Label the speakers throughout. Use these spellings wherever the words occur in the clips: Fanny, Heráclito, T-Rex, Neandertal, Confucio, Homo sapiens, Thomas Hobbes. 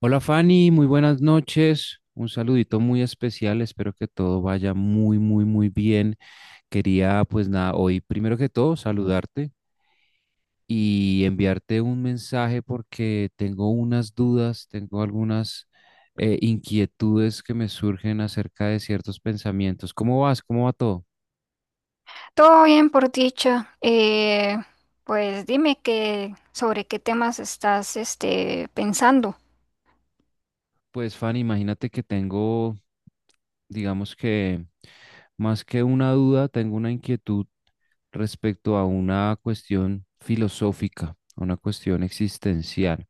Speaker 1: Hola Fanny, muy buenas noches. Un saludito muy especial. Espero que todo vaya muy, muy, muy bien. Quería, pues nada, hoy primero que todo saludarte y enviarte un mensaje porque tengo unas dudas, tengo algunas inquietudes que me surgen acerca de ciertos pensamientos. ¿Cómo vas? ¿Cómo va todo?
Speaker 2: Todo bien por dicha. Pues dime que sobre qué temas estás pensando.
Speaker 1: Pues, Fanny, imagínate que tengo, digamos que más que una duda, tengo una inquietud respecto a una cuestión filosófica, a una cuestión existencial.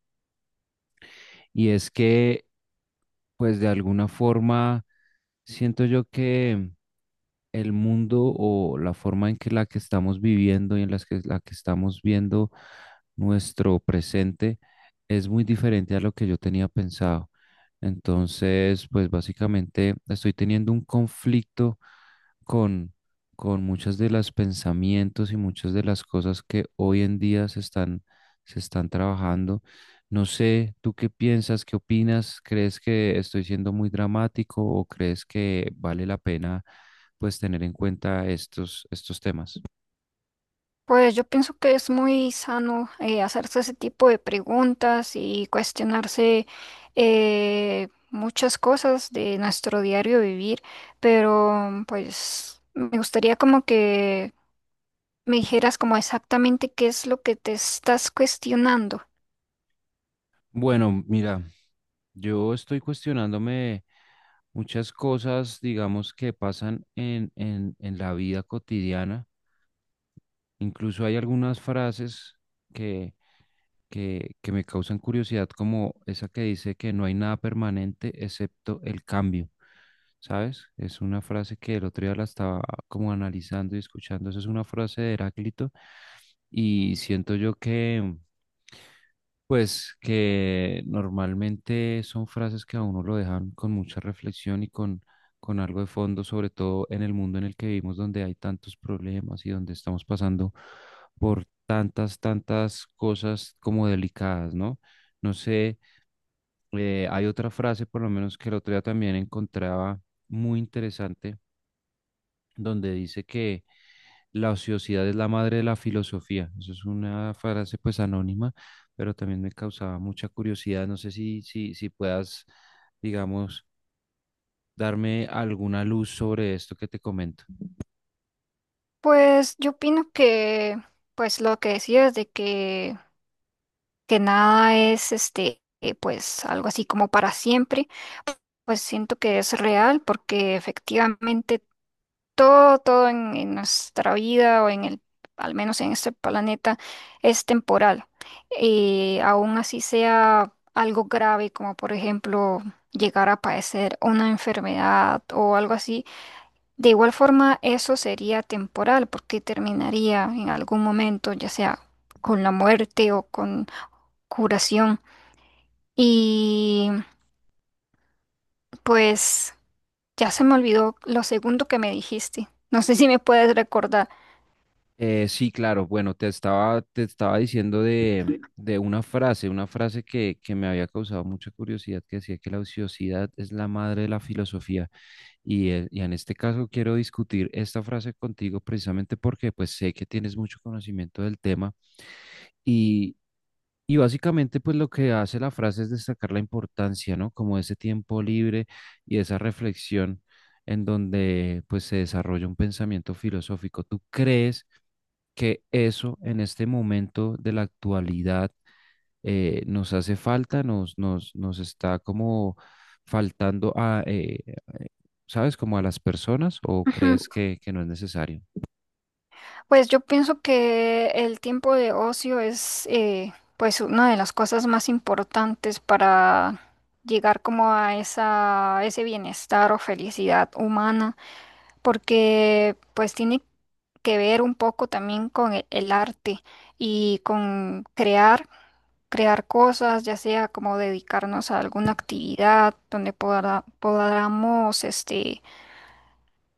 Speaker 1: Y es que, pues, de alguna forma, siento yo que el mundo o la forma en que la que estamos viviendo y en las que, la que estamos viendo nuestro presente es muy diferente a lo que yo tenía pensado. Entonces, pues básicamente estoy teniendo un conflicto con, con muchas de las pensamientos y muchas de las cosas que hoy en día se están trabajando. No sé, ¿tú qué piensas? ¿Qué opinas? ¿Crees que estoy siendo muy dramático o crees que vale la pena pues tener en cuenta estos, estos temas?
Speaker 2: Pues yo pienso que es muy sano hacerse ese tipo de preguntas y cuestionarse muchas cosas de nuestro diario vivir, pero pues me gustaría como que me dijeras como exactamente qué es lo que te estás cuestionando.
Speaker 1: Bueno, mira, yo estoy cuestionándome muchas cosas, digamos, que pasan en la vida cotidiana. Incluso hay algunas frases que, que me causan curiosidad, como esa que dice que no hay nada permanente excepto el cambio. ¿Sabes? Es una frase que el otro día la estaba como analizando y escuchando. Esa es una frase de Heráclito y siento yo que pues que normalmente son frases que a uno lo dejan con mucha reflexión y con algo de fondo, sobre todo en el mundo en el que vivimos, donde hay tantos problemas y donde estamos pasando por tantas, tantas cosas como delicadas, ¿no? No sé, hay otra frase, por lo menos que el otro día también encontraba muy interesante, donde dice que la ociosidad es la madre de la filosofía. Eso es una frase pues anónima, pero también me causaba mucha curiosidad. No sé si puedas, digamos, darme alguna luz sobre esto que te comento.
Speaker 2: Pues yo opino que pues lo que decías de que nada es pues algo así como para siempre, pues siento que es real porque efectivamente todo en nuestra vida o en el, al menos en este planeta, es temporal. Aún así sea algo grave como por ejemplo llegar a padecer una enfermedad o algo así, de igual forma eso sería temporal porque terminaría en algún momento, ya sea con la muerte o con curación. Y pues ya se me olvidó lo segundo que me dijiste. No sé si me puedes recordar.
Speaker 1: Sí, claro. Bueno, te estaba diciendo de una frase que me había causado mucha curiosidad, que decía que la ociosidad es la madre de la filosofía. Y en este caso quiero discutir esta frase contigo precisamente porque pues sé que tienes mucho conocimiento del tema y básicamente, pues lo que hace la frase es destacar la importancia, ¿no? Como ese tiempo libre y esa reflexión en donde pues se desarrolla un pensamiento filosófico. ¿Tú crees que eso en este momento de la actualidad nos hace falta, nos está como faltando a, ¿sabes? Como a las personas, o
Speaker 2: Ujú.
Speaker 1: crees que no es necesario?
Speaker 2: Pues yo pienso que el tiempo de ocio es pues una de las cosas más importantes para llegar como a esa, ese bienestar o felicidad humana, porque pues tiene que ver un poco también con el arte y con crear. Crear cosas, ya sea como dedicarnos a alguna actividad donde podamos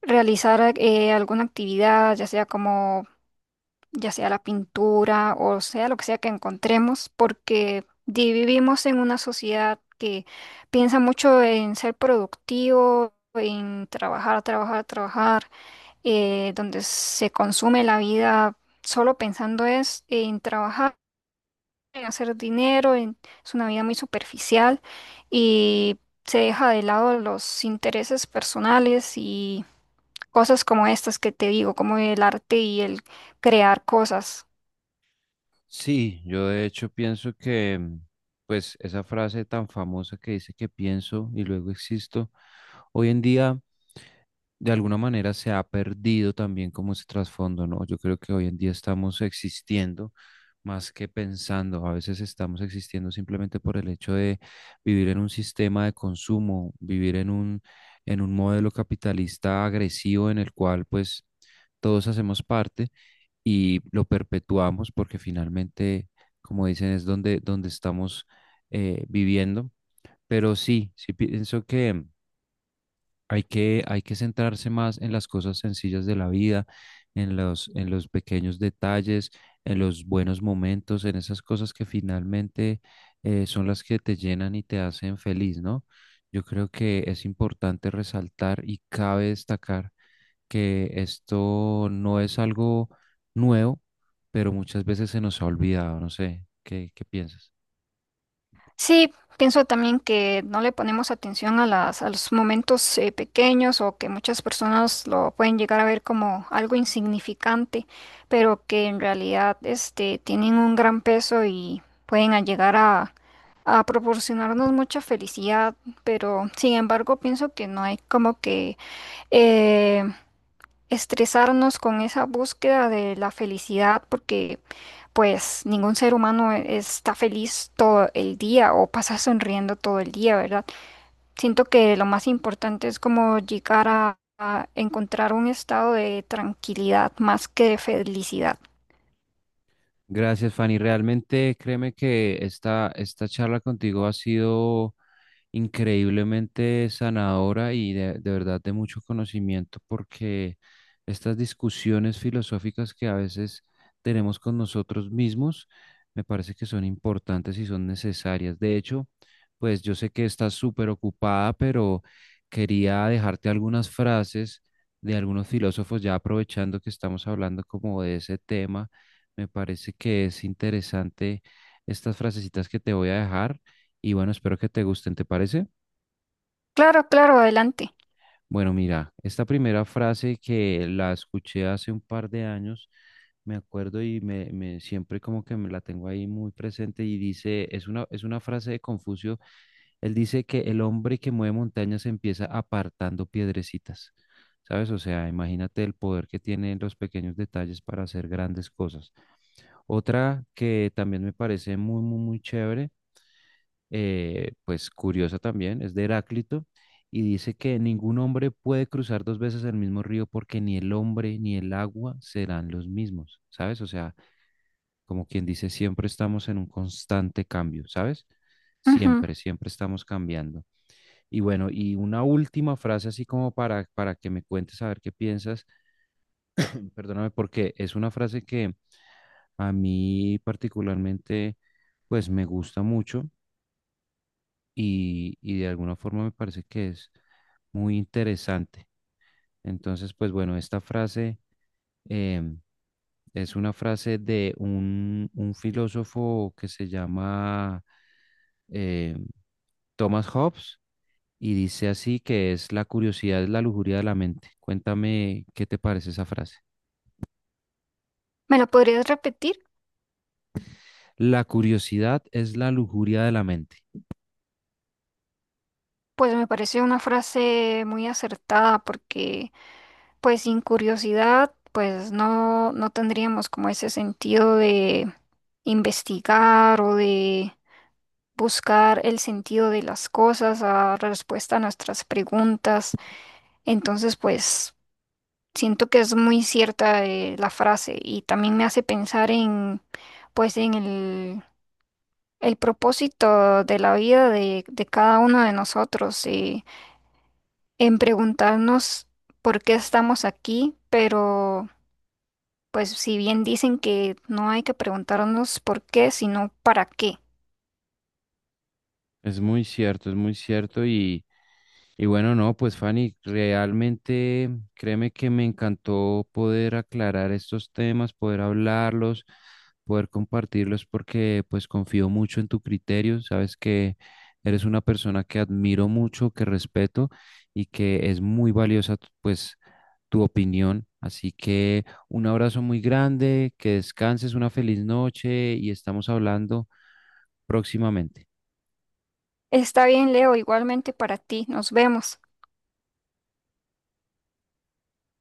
Speaker 2: realizar alguna actividad, ya sea como, ya sea la pintura o sea lo que sea que encontremos, porque vivimos en una sociedad que piensa mucho en ser productivo, en trabajar, trabajar, trabajar, donde se consume la vida solo pensando es en trabajar, en hacer dinero. En, es una vida muy superficial y se deja de lado los intereses personales y cosas como estas que te digo, como el arte y el crear cosas.
Speaker 1: Sí, yo de hecho pienso que, pues, esa frase tan famosa que dice que pienso y luego existo, hoy en día de alguna manera se ha perdido también como ese trasfondo, ¿no? Yo creo que hoy en día estamos existiendo más que pensando, a veces estamos existiendo simplemente por el hecho de vivir en un sistema de consumo, vivir en un modelo capitalista agresivo en el cual, pues, todos hacemos parte y lo perpetuamos porque finalmente, como dicen, es donde, donde estamos viviendo. Pero sí, sí pienso que hay que centrarse más en las cosas sencillas de la vida, en los pequeños detalles, en los buenos momentos, en esas cosas que finalmente son las que te llenan y te hacen feliz, ¿no? Yo creo que es importante resaltar y cabe destacar que esto no es algo nuevo, pero muchas veces se nos ha olvidado, no sé, ¿qué, qué piensas?
Speaker 2: Sí, pienso también que no le ponemos atención a a los momentos pequeños o que muchas personas lo pueden llegar a ver como algo insignificante, pero que en realidad tienen un gran peso y pueden a llegar a proporcionarnos mucha felicidad, pero sin embargo pienso que no hay como que eh, estresarnos con esa búsqueda de la felicidad, porque pues ningún ser humano está feliz todo el día o pasa sonriendo todo el día, ¿verdad? Siento que lo más importante es como llegar a encontrar un estado de tranquilidad más que de felicidad.
Speaker 1: Gracias, Fanny. Realmente créeme que esta charla contigo ha sido increíblemente sanadora y de verdad de mucho conocimiento, porque estas discusiones filosóficas que a veces tenemos con nosotros mismos me parece que son importantes y son necesarias. De hecho, pues yo sé que estás súper ocupada, pero quería dejarte algunas frases de algunos filósofos ya aprovechando que estamos hablando como de ese tema. Me parece que es interesante estas frasecitas que te voy a dejar y bueno, espero que te gusten, ¿te parece?
Speaker 2: Claro, claro, adelante.
Speaker 1: Bueno, mira, esta primera frase que la escuché hace un par de años, me acuerdo y siempre como que me la tengo ahí muy presente y dice, es una frase de Confucio, él dice que el hombre que mueve montañas empieza apartando piedrecitas, ¿sabes? O sea, imagínate el poder que tienen los pequeños detalles para hacer grandes cosas. Otra que también me parece muy, muy, muy chévere, pues curiosa también, es de Heráclito, y dice que ningún hombre puede cruzar dos veces el mismo río porque ni el hombre ni el agua serán los mismos, ¿sabes? O sea, como quien dice, siempre estamos en un constante cambio, ¿sabes?
Speaker 2: Ujú.
Speaker 1: Siempre, siempre estamos cambiando. Y bueno, y una última frase así como para que me cuentes a ver qué piensas, perdóname, porque es una frase que a mí particularmente, pues me gusta mucho y de alguna forma me parece que es muy interesante. Entonces, pues bueno, esta frase em, es una frase de un filósofo que se llama em, Thomas Hobbes y dice así que es la curiosidad es la lujuria de la mente. Cuéntame qué te parece esa frase.
Speaker 2: ¿Me lo podrías repetir?
Speaker 1: La curiosidad es la lujuria de la mente.
Speaker 2: Pues me parece una frase muy acertada porque pues sin curiosidad pues no, no tendríamos como ese sentido de investigar o de buscar el sentido de las cosas a respuesta a nuestras preguntas. Entonces pues siento que es muy cierta la frase y también me hace pensar en pues en el propósito de la vida de cada uno de nosotros. En preguntarnos por qué estamos aquí, pero pues si bien dicen que no hay que preguntarnos por qué, sino para qué.
Speaker 1: Es muy cierto y... Y bueno, no, pues Fanny, realmente créeme que me encantó poder aclarar estos temas, poder hablarlos, poder compartirlos, porque pues confío mucho en tu criterio. Sabes que eres una persona que admiro mucho, que respeto y que es muy valiosa tu- pues tu opinión. Así que un abrazo muy grande, que descanses, una feliz noche y estamos hablando próximamente.
Speaker 2: Está bien, Leo, igualmente para ti. Nos vemos.